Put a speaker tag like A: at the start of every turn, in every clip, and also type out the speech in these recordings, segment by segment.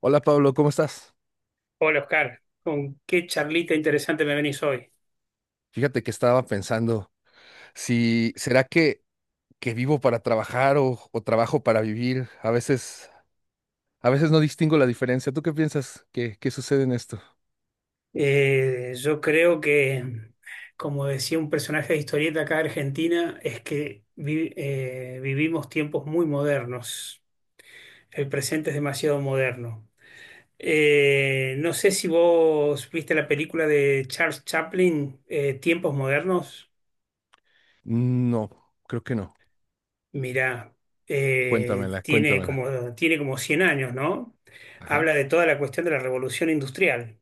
A: Hola Pablo, ¿cómo estás?
B: Hola Oscar, con qué charlita interesante me venís hoy.
A: Fíjate que estaba pensando si será que vivo para trabajar o trabajo para vivir. A veces no distingo la diferencia. ¿Tú qué piensas que sucede en esto?
B: Yo creo que, como decía un personaje de historieta acá de Argentina, es que vivimos tiempos muy modernos. El presente es demasiado moderno. No sé si vos viste la película de Charles Chaplin, Tiempos Modernos.
A: No, creo que no.
B: Mirá,
A: Cuéntamela, cuéntamela.
B: tiene como 100 años, ¿no?
A: Ajá.
B: Habla de toda la cuestión de la revolución industrial,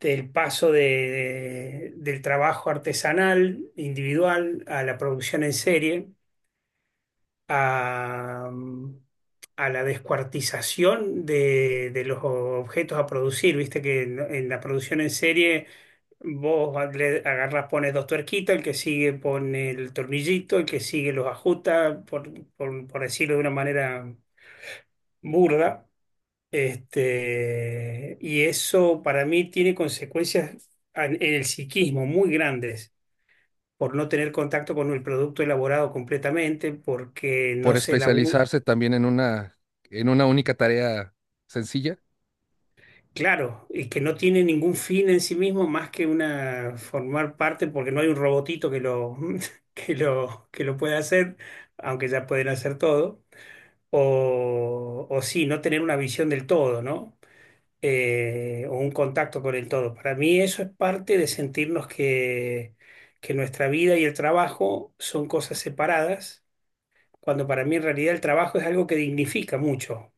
B: del paso del trabajo artesanal, individual, a la producción en serie, a, a la descuartización de los objetos a producir. Viste que en la producción en serie vos le agarrás, pones dos tuerquitas, el que sigue pone el tornillito, el que sigue los ajusta, por decirlo de una manera burda, y eso para mí tiene consecuencias en el psiquismo muy grandes por no tener contacto con el producto elaborado completamente, porque
A: Por
B: no se elabora,
A: especializarse también en una única tarea sencilla.
B: claro, y que no tiene ningún fin en sí mismo más que una formar parte, porque no hay un robotito que lo, que lo pueda hacer, aunque ya pueden hacer todo. O sí, no tener una visión del todo, ¿no? O un contacto con el todo. Para mí eso es parte de sentirnos que nuestra vida y el trabajo son cosas separadas, cuando para mí en realidad el trabajo es algo que dignifica mucho.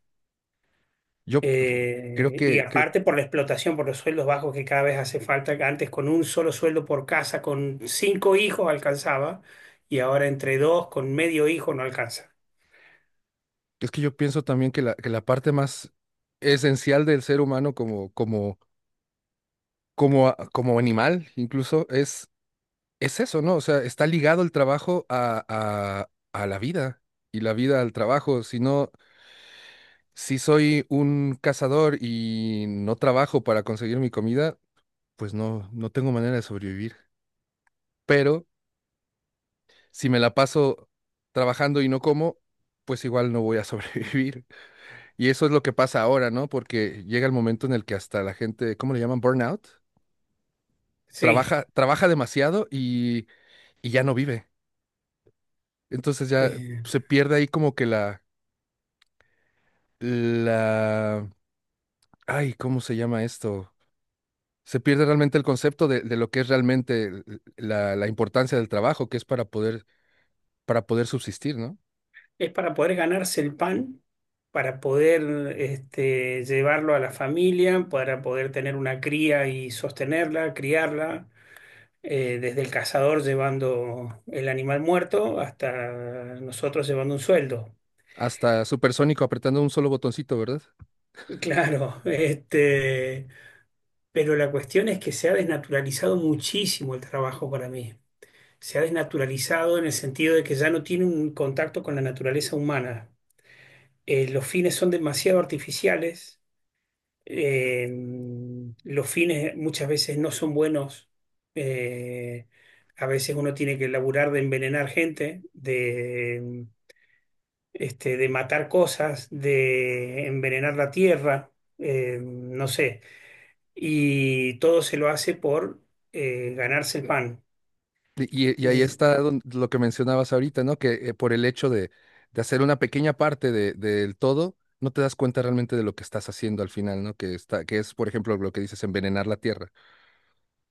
A: Yo p- f- Creo
B: Y
A: que
B: aparte por la explotación, por los sueldos bajos que cada vez hace falta, que antes con un solo sueldo por casa, con cinco hijos alcanzaba, y ahora entre dos, con medio hijo no alcanza.
A: es que yo pienso también que la parte más esencial del ser humano como animal incluso es eso, ¿no? O sea, está ligado el trabajo a la vida y la vida al trabajo. Si no, si soy un cazador y no trabajo para conseguir mi comida, pues no tengo manera de sobrevivir. Pero si me la paso trabajando y no como, pues igual no voy a sobrevivir. Y eso es lo que pasa ahora, ¿no? Porque llega el momento en el que hasta la gente, ¿cómo le llaman? Burnout.
B: Sí.
A: Trabaja demasiado y ya no vive. Entonces ya se
B: eh,
A: pierde ahí como que la... Ay, ¿cómo se llama esto? Se pierde realmente el concepto de lo que es realmente la importancia del trabajo, que es para poder subsistir, ¿no?
B: Es para poder ganarse el pan, para poder, llevarlo a la familia, para poder tener una cría y sostenerla, criarla, desde el cazador llevando el animal muerto hasta nosotros llevando un sueldo.
A: Hasta Supersónico apretando un solo botoncito, ¿verdad?
B: Claro. Pero la cuestión es que se ha desnaturalizado muchísimo el trabajo para mí. Se ha desnaturalizado en el sentido de que ya no tiene un contacto con la naturaleza humana. Los fines son demasiado artificiales. Eh, los fines muchas veces no son buenos. Eh, a veces uno tiene que laburar de envenenar gente, de matar cosas, de envenenar la tierra. No sé. Y todo se lo hace por, ganarse el pan.
A: Y ahí
B: Es-
A: está lo que mencionabas ahorita, ¿no? Que por el hecho de hacer una pequeña parte del todo, no te das cuenta realmente de lo que estás haciendo al final, ¿no? Que está, que es, por ejemplo, lo que dices, envenenar la tierra.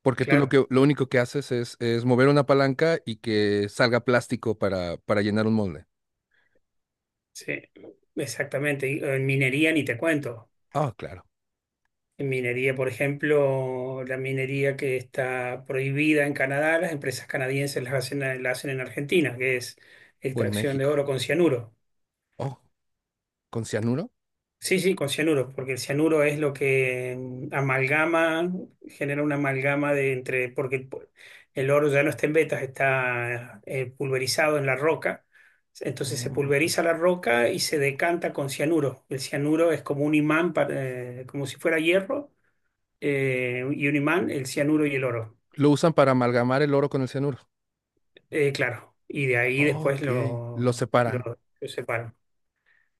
A: Porque tú lo
B: claro,
A: que, lo único que haces es mover una palanca y que salga plástico para llenar un molde.
B: sí, exactamente. Y, en minería ni te cuento.
A: Ah, claro.
B: En minería, por ejemplo, la minería que está prohibida en Canadá, las empresas canadienses las hacen, la hacen en Argentina, que es
A: O en
B: extracción de
A: México.
B: oro con cianuro.
A: Oh, ¿con cianuro?
B: Sí, sí, con cianuro, porque el cianuro es lo que, amalgama, genera una amalgama de entre, porque el oro ya no está en vetas, está, pulverizado en la roca. Entonces se
A: Oh.
B: pulveriza la roca y se decanta con cianuro. El cianuro es como un imán, como si fuera hierro, y un imán, el cianuro y el oro.
A: Lo usan para amalgamar el oro con el cianuro.
B: Claro, y de ahí
A: Oh,
B: después,
A: ok. Lo
B: lo,
A: separan.
B: lo, lo separan.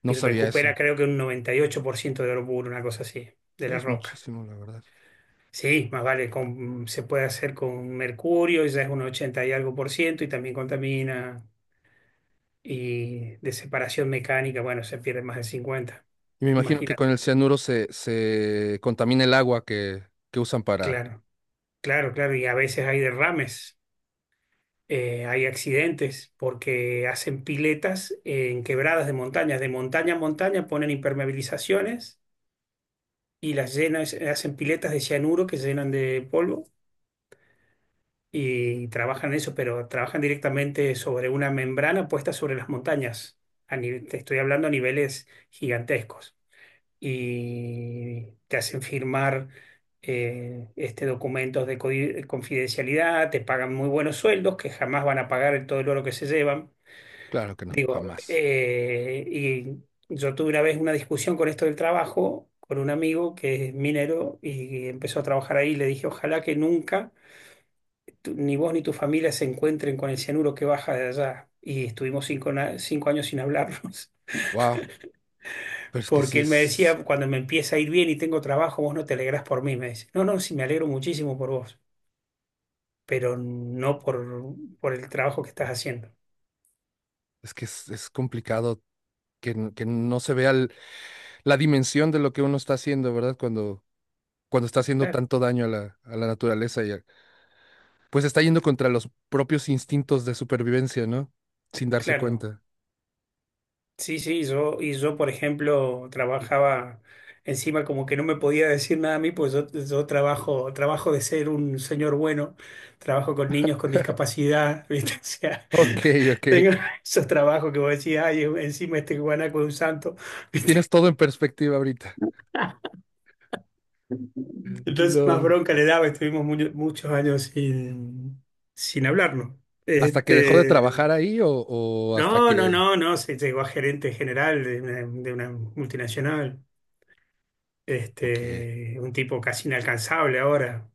A: No
B: Y
A: sabía
B: recupera
A: eso.
B: creo que un 98% de oro puro, una cosa así, de
A: Ay,
B: la
A: es
B: roca.
A: muchísimo, la verdad.
B: Sí, más vale, se puede hacer con mercurio, ya es un 80 y algo por ciento, y también contamina. Y de separación mecánica, bueno, se pierde más del 50.
A: Y me imagino que con
B: Imagínate.
A: el cianuro se contamina el agua que usan para.
B: Claro, claro, claro. Y a veces hay derrames. Hay accidentes porque hacen piletas en quebradas de montañas. De montaña a montaña ponen impermeabilizaciones y las llenan, hacen piletas de cianuro que se llenan de polvo y trabajan eso, pero trabajan directamente sobre una membrana puesta sobre las montañas. Te estoy hablando a niveles gigantescos. Y te hacen firmar, este, documentos de confidencialidad. Te pagan muy buenos sueldos que jamás van a pagar todo el oro que se llevan.
A: Claro que no,
B: Digo,
A: jamás.
B: y yo tuve una vez una discusión con esto del trabajo, con un amigo que es minero y empezó a trabajar ahí. Y le dije, ojalá que nunca ni vos ni tu familia se encuentren con el cianuro que baja de allá. Y estuvimos cinco años sin hablarnos.
A: Wow. Pero es que sí
B: Porque él me
A: es.
B: decía, cuando me empieza a ir bien y tengo trabajo, vos no te alegrás por mí. Me dice, no, no, sí, me alegro muchísimo por vos, pero no, por el trabajo que estás haciendo.
A: Es que es complicado que no se vea la dimensión de lo que uno está haciendo, ¿verdad? Cuando, cuando está haciendo
B: Claro,
A: tanto daño a a la naturaleza pues está yendo contra los propios instintos de supervivencia, ¿no? Sin darse
B: claro.
A: cuenta.
B: Sí, sí, yo, y yo, por ejemplo, trabajaba encima como que no me podía decir nada a mí, pues yo, yo trabajo de ser un señor bueno, trabajo con niños con discapacidad. ¿Viste? O sea,
A: Ok, ok.
B: tengo esos trabajos que vos decís, ay, encima este guanaco es un santo.
A: Tienes todo en perspectiva ahorita.
B: Entonces más
A: Lo-
B: bronca le daba, estuvimos muchos años sin hablarnos.
A: ¿Hasta que dejó de
B: Este,
A: trabajar ahí o hasta
B: no, no,
A: que...
B: no, no, se llegó a gerente general de una multinacional.
A: Ok,
B: Un tipo casi inalcanzable ahora.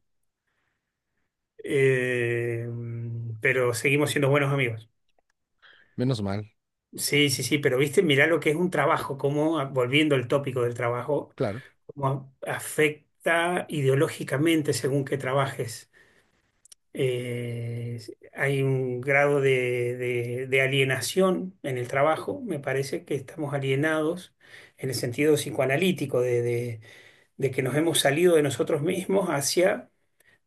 B: Eh, pero seguimos siendo buenos amigos.
A: menos mal,
B: Sí, sí, sí, pero viste, mirá lo que es un trabajo, cómo, ah, volviendo al tópico del trabajo,
A: claro.
B: cómo afecta ideológicamente según que trabajes. Eh, hay un grado de, de alienación en el trabajo. Me parece que estamos alienados en el sentido psicoanalítico de que nos hemos salido de nosotros mismos hacia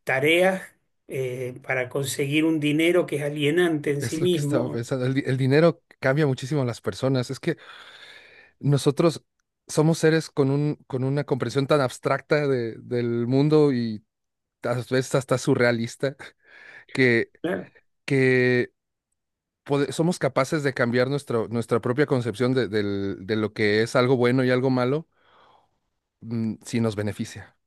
B: tareas, para conseguir un dinero que es alienante en sí
A: Es lo que estaba
B: mismo.
A: pensando. El dinero cambia muchísimo a las personas. Es que nosotros somos seres con un, con una comprensión tan abstracta del mundo y a veces hasta surrealista, que,
B: Claro.
A: que somos capaces de cambiar nuestro, nuestra propia concepción de lo que es algo bueno y algo malo, si nos beneficia.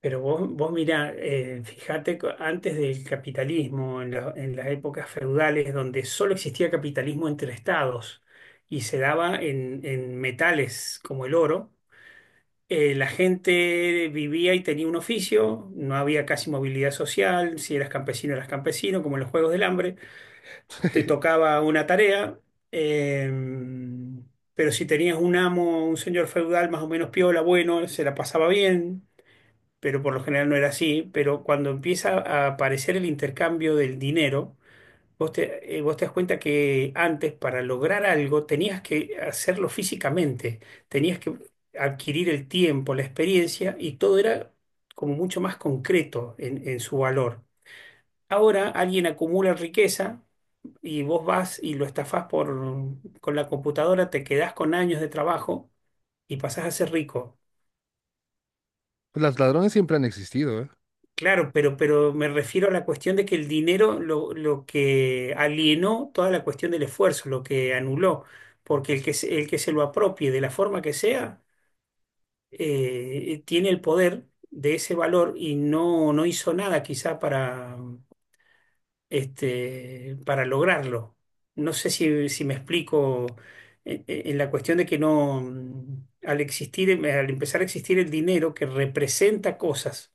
B: Pero vos mirá, fíjate, antes del capitalismo, en las épocas feudales, donde solo existía capitalismo entre estados y se daba en metales como el oro. La gente vivía y tenía un oficio, no había casi movilidad social, si eras campesino eras campesino, como en los Juegos del Hambre, te tocaba una tarea, eh, pero si tenías un amo, un señor feudal más o menos piola, bueno, se la pasaba bien, pero por lo general no era así. Pero cuando empieza a aparecer el intercambio del dinero, vos te das cuenta que antes para lograr algo tenías que hacerlo físicamente, tenías que adquirir el tiempo, la experiencia, y todo era como mucho más concreto en su valor. Ahora alguien acumula riqueza y vos vas y lo estafás, con la computadora, te quedás con años de trabajo y pasás a ser rico.
A: Pues los ladrones siempre han existido, ¿eh?
B: Claro, pero me refiero a la cuestión de que el dinero, lo que alienó toda la cuestión del esfuerzo, lo que anuló, porque el que se lo apropie de la forma que sea, tiene el poder de ese valor y no hizo nada quizá, para lograrlo. No sé si me explico en la cuestión de que no, al empezar a existir el dinero que representa cosas,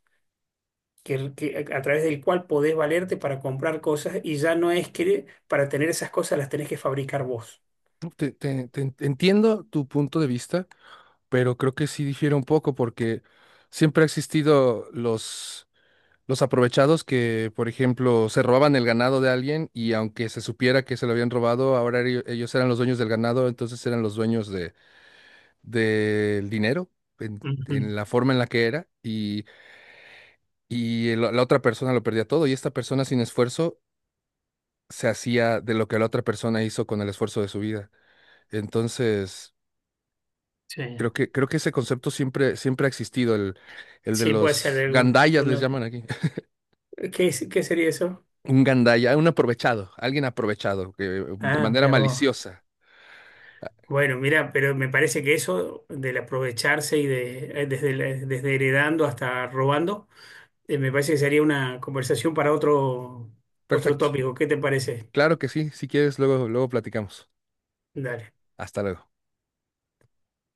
B: que a través del cual podés valerte para comprar cosas, y ya no es que para tener esas cosas las tenés que fabricar vos.
A: Entiendo tu punto de vista, pero creo que sí difiere un poco porque siempre ha existido los aprovechados que, por ejemplo, se robaban el ganado de alguien y aunque se supiera que se lo habían robado, ahora ellos eran los dueños del ganado, entonces eran los dueños del dinero
B: Ujú.
A: en la forma en la que era y la otra persona lo perdía todo y esta persona sin esfuerzo se hacía de lo que la otra persona hizo con el esfuerzo de su vida. Entonces,
B: Sí.
A: creo que ese concepto siempre, siempre ha existido, el de
B: Sí, puede ser
A: los
B: de alguna. De
A: gandayas les
B: una-
A: llaman aquí.
B: ¿Qué, es- qué sería eso?
A: Un gandaya, un aprovechado, alguien aprovechado, que, de
B: Ah,
A: manera
B: mira vos.
A: maliciosa.
B: Bueno, mira, pero me parece que eso del aprovecharse y desde heredando hasta robando, me parece que sería una conversación para otro
A: Perfecto.
B: tópico. ¿Qué te parece?
A: Claro que sí, si quieres, luego, luego platicamos.
B: Dale.
A: Hasta luego.